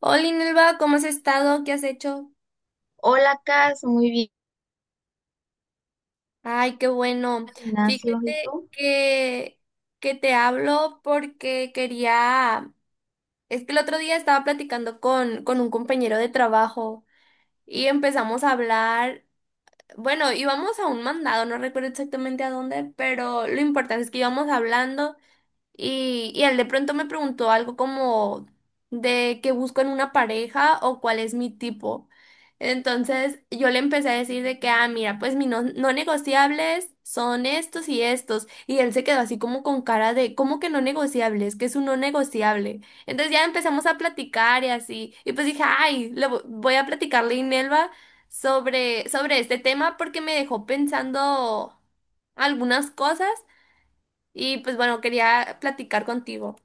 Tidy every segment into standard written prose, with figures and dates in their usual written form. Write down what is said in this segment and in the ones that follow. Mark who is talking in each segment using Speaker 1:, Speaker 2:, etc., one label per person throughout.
Speaker 1: Hola, Inelva, ¿cómo has estado? ¿Qué has hecho?
Speaker 2: Hola, Cas, muy bien,
Speaker 1: Ay, qué bueno.
Speaker 2: gimnasio, ¿y
Speaker 1: Fíjate
Speaker 2: tú?
Speaker 1: que te hablo porque quería... Es que el otro día estaba platicando con un compañero de trabajo y empezamos a hablar... Bueno, íbamos a un mandado, no recuerdo exactamente a dónde, pero lo importante es que íbamos hablando. Y él de pronto me preguntó algo como de qué busco en una pareja o cuál es mi tipo. Entonces yo le empecé a decir de que, ah, mira, pues mis no negociables son estos y estos. Y él se quedó así como con cara de, ¿cómo que no negociables? ¿Qué es un no negociable? Entonces ya empezamos a platicar y así. Y pues dije, ay, voy a platicarle a Inelva sobre este tema porque me dejó pensando algunas cosas. Y pues bueno, quería platicar contigo.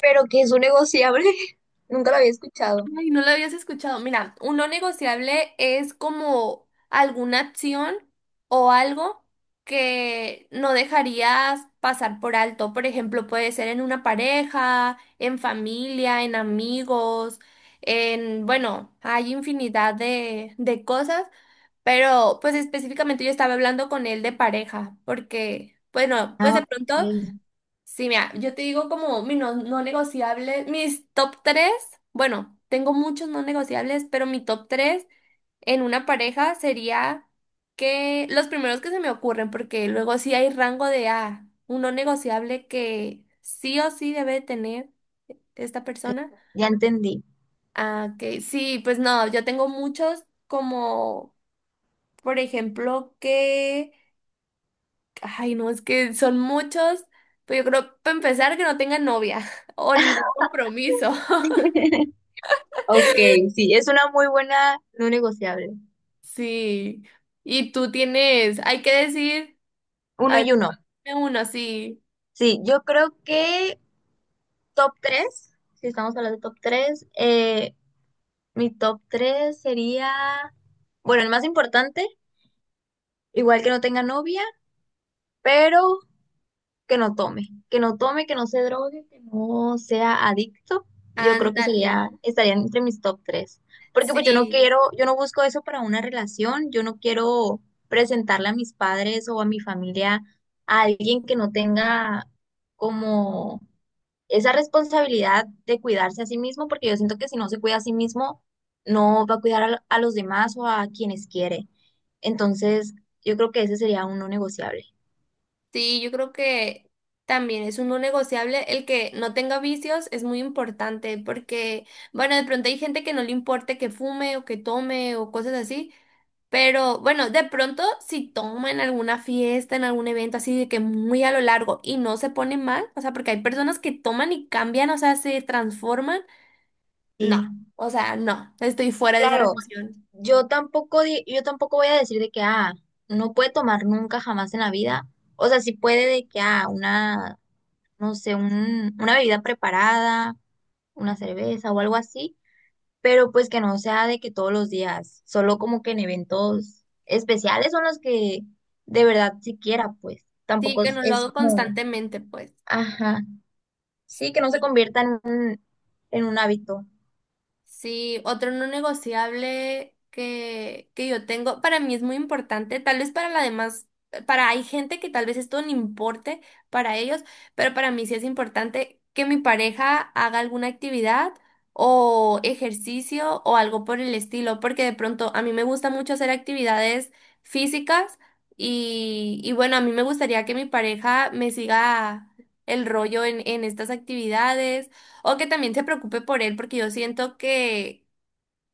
Speaker 2: ¿Pero que es un negociable? Nunca lo había escuchado.
Speaker 1: Ay, no lo habías escuchado. Mira, un no negociable es como alguna acción o algo que no dejarías pasar por alto. Por ejemplo, puede ser en una pareja, en familia, en amigos, en, bueno, hay infinidad de cosas, pero pues específicamente yo estaba hablando con él de pareja, porque, bueno, pues
Speaker 2: Ah,
Speaker 1: de
Speaker 2: ok,
Speaker 1: pronto... Sí, mira, yo te digo como mi no negociable, mis top tres, bueno, tengo muchos no negociables, pero mi top tres en una pareja sería que los primeros que se me ocurren, porque luego sí hay rango de ah, un no negociable que sí o sí debe tener esta persona.
Speaker 2: ya entendí.
Speaker 1: Ah, que sí, pues no, yo tengo muchos como, por ejemplo, que ay, no, es que son muchos, pero yo creo, para empezar, que no tengan novia o ningún compromiso.
Speaker 2: Ok, sí, es una muy buena no negociable.
Speaker 1: Sí. Y tú tienes, hay que decir,
Speaker 2: Uno
Speaker 1: ah,
Speaker 2: y uno.
Speaker 1: dime uno, sí.
Speaker 2: Sí, yo creo que top 3. Si estamos hablando de top 3, mi top 3 sería, bueno, el más importante, igual que no tenga novia, pero que no tome, que no se drogue, que no sea adicto, yo creo que
Speaker 1: Ándale.
Speaker 2: sería, estaría entre mis top tres. Porque pues yo no
Speaker 1: Sí,
Speaker 2: quiero, yo no busco eso para una relación, yo no quiero presentarle a mis padres o a mi familia a alguien que no tenga como esa responsabilidad de cuidarse a sí mismo, porque yo siento que si no se cuida a sí mismo, no va a cuidar a los demás o a quienes quiere. Entonces, yo creo que ese sería uno negociable.
Speaker 1: sí, yo creo que también es un no negociable el que no tenga vicios, es muy importante porque, bueno, de pronto hay gente que no le importe que fume o que tome o cosas así, pero bueno, de pronto si toma en alguna fiesta, en algún evento así de que muy a lo largo y no se pone mal, o sea, porque hay personas que toman y cambian, o sea, se transforman, no,
Speaker 2: Sí,
Speaker 1: o sea, no, estoy fuera de esa
Speaker 2: claro,
Speaker 1: relación.
Speaker 2: yo tampoco, yo tampoco voy a decir de que, ah, no puede tomar nunca jamás en la vida. O sea, sí puede de que, ah, una, no sé, una bebida preparada, una cerveza o algo así, pero pues que no sea de que todos los días, solo como que en eventos especiales son los que de verdad siquiera, pues,
Speaker 1: Sí,
Speaker 2: tampoco
Speaker 1: que
Speaker 2: es
Speaker 1: no lo
Speaker 2: es
Speaker 1: hago
Speaker 2: como,
Speaker 1: constantemente, pues.
Speaker 2: ajá, sí, que no se convierta en un hábito.
Speaker 1: Sí, otro no negociable que yo tengo, para mí es muy importante, tal vez para la demás, para hay gente que tal vez esto no importe para ellos, pero para mí sí es importante que mi pareja haga alguna actividad o ejercicio o algo por el estilo, porque de pronto a mí me gusta mucho hacer actividades físicas y bueno, a mí me gustaría que mi pareja me siga el rollo en estas actividades o que también se preocupe por él, porque yo siento que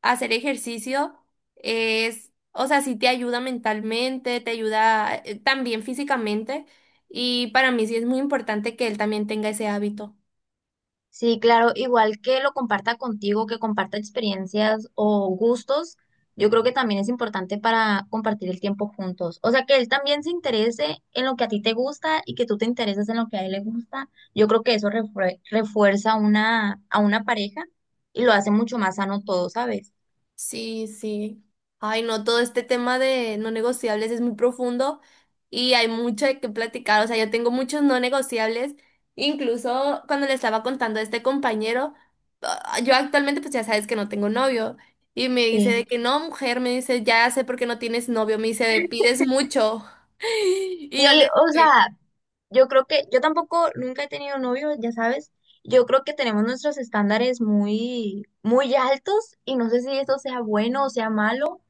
Speaker 1: hacer ejercicio es, o sea, sí te ayuda mentalmente, te ayuda también físicamente, y para mí sí es muy importante que él también tenga ese hábito.
Speaker 2: Sí, claro, igual que lo comparta contigo, que comparta experiencias o gustos, yo creo que también es importante para compartir el tiempo juntos. O sea, que él también se interese en lo que a ti te gusta y que tú te intereses en lo que a él le gusta. Yo creo que eso refuerza una, a una pareja y lo hace mucho más sano todo, ¿sabes?
Speaker 1: Sí, sí. Ay, no, todo este tema de no negociables es muy profundo y hay mucho de qué platicar. O sea, yo tengo muchos no negociables. Incluso cuando le estaba contando a este compañero, ah, yo actualmente pues ya sabes que no tengo novio. Y me dice
Speaker 2: Sí.
Speaker 1: de que no, mujer, me dice, ya sé por qué no tienes novio. Me dice, pides mucho. Y yo
Speaker 2: Sí,
Speaker 1: le
Speaker 2: o
Speaker 1: dije,
Speaker 2: sea, yo creo que yo tampoco nunca he tenido novio, ya sabes. Yo creo que tenemos nuestros estándares muy, muy altos y no sé si esto sea bueno o sea malo,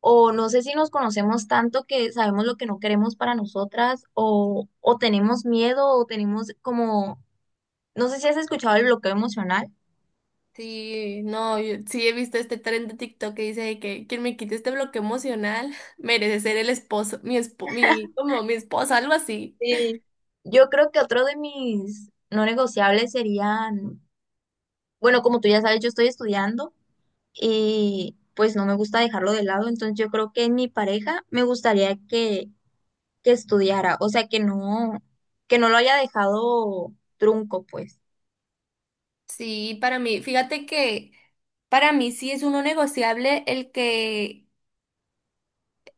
Speaker 2: o no sé si nos conocemos tanto que sabemos lo que no queremos para nosotras, o tenemos miedo, o tenemos como, no sé si has escuchado el bloqueo emocional.
Speaker 1: sí, no, yo sí he visto este tren de TikTok que dice de que quien me quite este bloque emocional merece ser el esposo, mi espo, mi, como mi esposa, algo así.
Speaker 2: Sí. Yo creo que otro de mis no negociables serían, bueno, como tú ya sabes, yo estoy estudiando. Y pues no me gusta dejarlo de lado, entonces yo creo que en mi pareja me gustaría que estudiara, o sea, que no lo haya dejado trunco, pues,
Speaker 1: Sí, para mí, fíjate que para mí sí es uno negociable el que,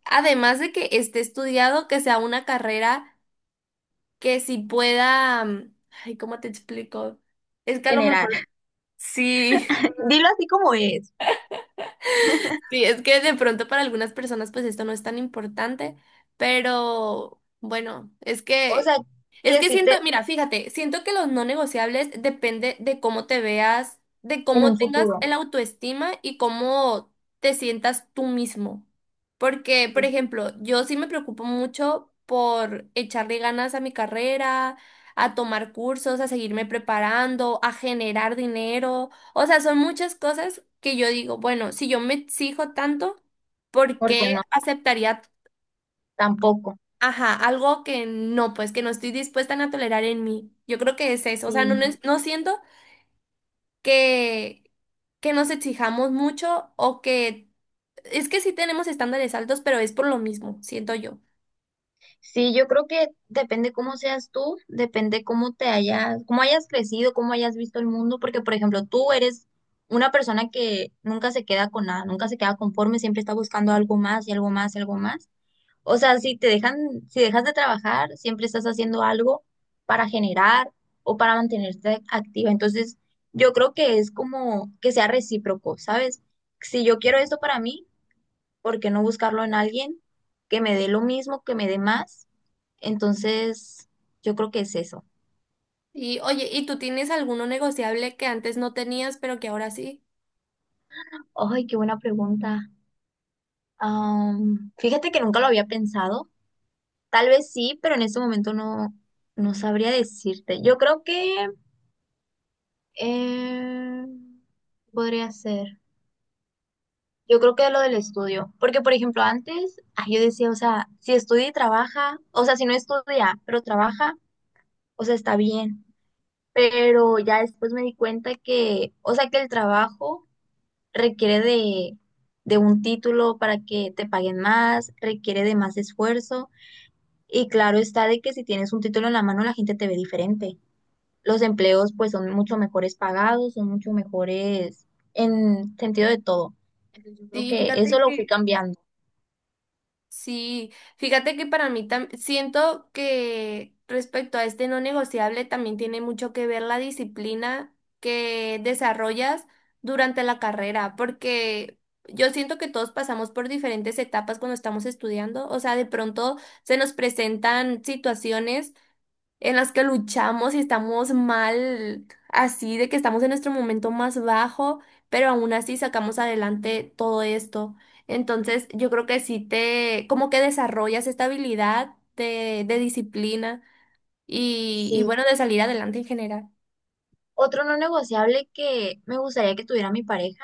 Speaker 1: además de que esté estudiado, que sea una carrera que sí pueda, mm, ay, ¿cómo te explico? Es que a lo
Speaker 2: general.
Speaker 1: mejor sí.
Speaker 2: Dilo así como es,
Speaker 1: Sí, es que de pronto para algunas personas pues esto no es tan importante, pero bueno, es
Speaker 2: o
Speaker 1: que
Speaker 2: sea,
Speaker 1: es
Speaker 2: que
Speaker 1: que
Speaker 2: sí
Speaker 1: siento,
Speaker 2: te,
Speaker 1: mira, fíjate, siento que los no negociables depende de cómo te veas, de
Speaker 2: en
Speaker 1: cómo
Speaker 2: un
Speaker 1: tengas
Speaker 2: futuro,
Speaker 1: el autoestima y cómo te sientas tú mismo. Porque, por ejemplo, yo sí me preocupo mucho por echarle ganas a mi carrera, a tomar cursos, a seguirme preparando, a generar dinero. O sea, son muchas cosas que yo digo, bueno, si yo me exijo tanto, ¿por
Speaker 2: porque
Speaker 1: qué
Speaker 2: no,
Speaker 1: aceptaría,
Speaker 2: tampoco.
Speaker 1: ajá, algo que no, pues que no estoy dispuesta a tolerar en mí? Yo creo que es eso. O sea, no, no, es- no siento que, que nos exijamos mucho o que... Es que sí tenemos estándares altos, pero es por lo mismo, siento yo.
Speaker 2: Sí, yo creo que depende cómo seas tú, depende cómo te hayas, cómo hayas crecido, cómo hayas visto el mundo, porque por ejemplo, tú eres una persona que nunca se queda con nada, nunca se queda conforme, siempre está buscando algo más y algo más y algo más. O sea, si te dejan, si dejas de trabajar, siempre estás haciendo algo para generar o para mantenerte activa. Entonces, yo creo que es como que sea recíproco, ¿sabes? Si yo quiero esto para mí, ¿por qué no buscarlo en alguien que me dé lo mismo, que me dé más? Entonces, yo creo que es eso.
Speaker 1: Y oye, ¿y tú tienes alguno negociable que antes no tenías, pero que ahora sí?
Speaker 2: Ay, qué buena pregunta. Fíjate que nunca lo había pensado. Tal vez sí, pero en este momento no, no sabría decirte. Yo creo que eh, podría ser. Yo creo que lo del estudio. Porque, por ejemplo, antes ay, yo decía, o sea, si estudia y trabaja, o sea, si no estudia, pero trabaja, o sea, está bien. Pero ya después me di cuenta que, o sea, que el trabajo requiere de un título para que te paguen más, requiere de más esfuerzo y claro está de que si tienes un título en la mano la gente te ve diferente. Los empleos pues son mucho mejores pagados, son mucho mejores en sentido de todo. Entonces yo creo
Speaker 1: Sí,
Speaker 2: que eso
Speaker 1: fíjate
Speaker 2: lo fui
Speaker 1: que
Speaker 2: cambiando.
Speaker 1: sí, fíjate que para mí siento que respecto a este no negociable también tiene mucho que ver la disciplina que desarrollas durante la carrera, porque yo siento que todos pasamos por diferentes etapas cuando estamos estudiando, o sea, de pronto se nos presentan situaciones en las que luchamos y estamos mal, así de que estamos en nuestro momento más bajo, pero aún así sacamos adelante todo esto. Entonces, yo creo que sí te, como que desarrollas esta habilidad de disciplina y
Speaker 2: Sí.
Speaker 1: bueno, de salir adelante en general.
Speaker 2: Otro no negociable que me gustaría que tuviera mi pareja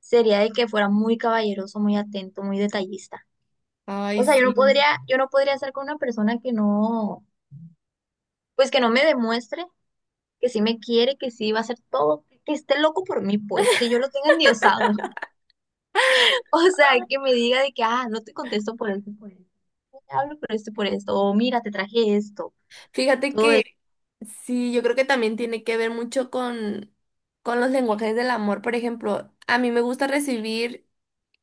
Speaker 2: sería de que fuera muy caballeroso, muy atento, muy detallista. O
Speaker 1: Ay,
Speaker 2: sea,
Speaker 1: sí.
Speaker 2: yo no podría estar con una persona que no, pues que no me demuestre que sí me quiere, que sí va a hacer todo, que esté loco por mí, pues, que yo lo tenga endiosado. O sea, que me diga de que, ah, no te contesto por esto, no te hablo por esto, o mira, te traje esto,
Speaker 1: Fíjate
Speaker 2: todo esto,
Speaker 1: que sí, yo creo que también tiene que ver mucho con los lenguajes del amor. Por ejemplo, a mí me gusta recibir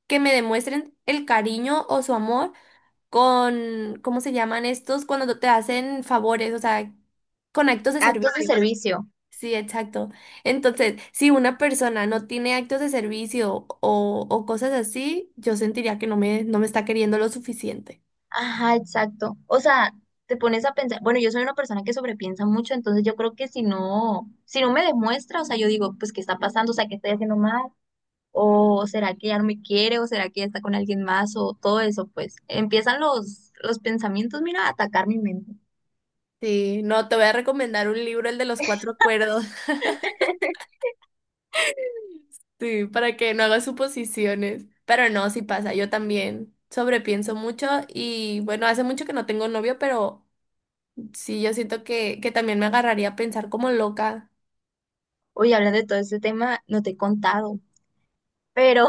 Speaker 1: que me demuestren el cariño o su amor con, ¿cómo se llaman estos? Cuando te hacen favores, o sea, con actos de
Speaker 2: actos de
Speaker 1: servicio.
Speaker 2: servicio.
Speaker 1: Sí, exacto. Entonces, si una persona no tiene actos de servicio o cosas así, yo sentiría que no me, no me está queriendo lo suficiente.
Speaker 2: Ajá, exacto. O sea, te pones a pensar, bueno, yo soy una persona que sobrepiensa mucho, entonces yo creo que si no, si no me demuestra, o sea, yo digo, pues, ¿qué está pasando? O sea, ¿qué estoy haciendo mal? ¿O será que ya no me quiere? ¿O será que ya está con alguien más? O todo eso, pues, empiezan los pensamientos, mira, a atacar mi mente.
Speaker 1: Sí, no, te voy a recomendar un libro, el de los cuatro acuerdos. Sí, para que no haga suposiciones. Pero no, sí pasa, yo también sobrepienso mucho y bueno, hace mucho que no tengo novio, pero sí, yo siento que también me agarraría a pensar como loca.
Speaker 2: Oye, hablando de todo este tema, no te he contado, pero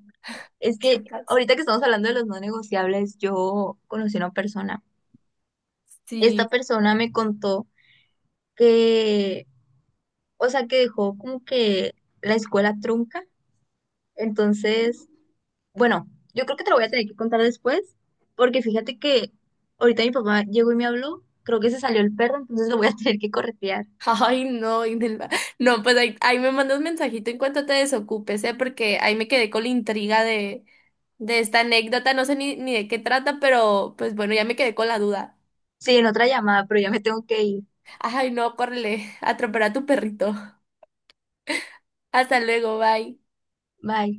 Speaker 2: es
Speaker 1: ¿Qué
Speaker 2: que
Speaker 1: pasa?
Speaker 2: ahorita que estamos hablando de los no negociables, yo conocí a una persona. Esta
Speaker 1: Sí.
Speaker 2: persona me contó que, o sea, que dejó como que la escuela trunca. Entonces, bueno, yo creo que te lo voy a tener que contar después, porque fíjate que ahorita mi papá llegó y me habló, creo que se salió el perro, entonces lo voy a tener que corretear.
Speaker 1: Ay, no, Inelva. No, pues ahí, ahí me mandas mensajito en cuanto te desocupes, ¿eh? Porque ahí me quedé con la intriga de esta anécdota, no sé ni, ni de qué trata, pero pues bueno, ya me quedé con la duda.
Speaker 2: Sí, en otra llamada, pero ya me tengo que ir.
Speaker 1: Ay, no, córrele, atropella a tu perrito. Hasta luego, bye.
Speaker 2: Bye.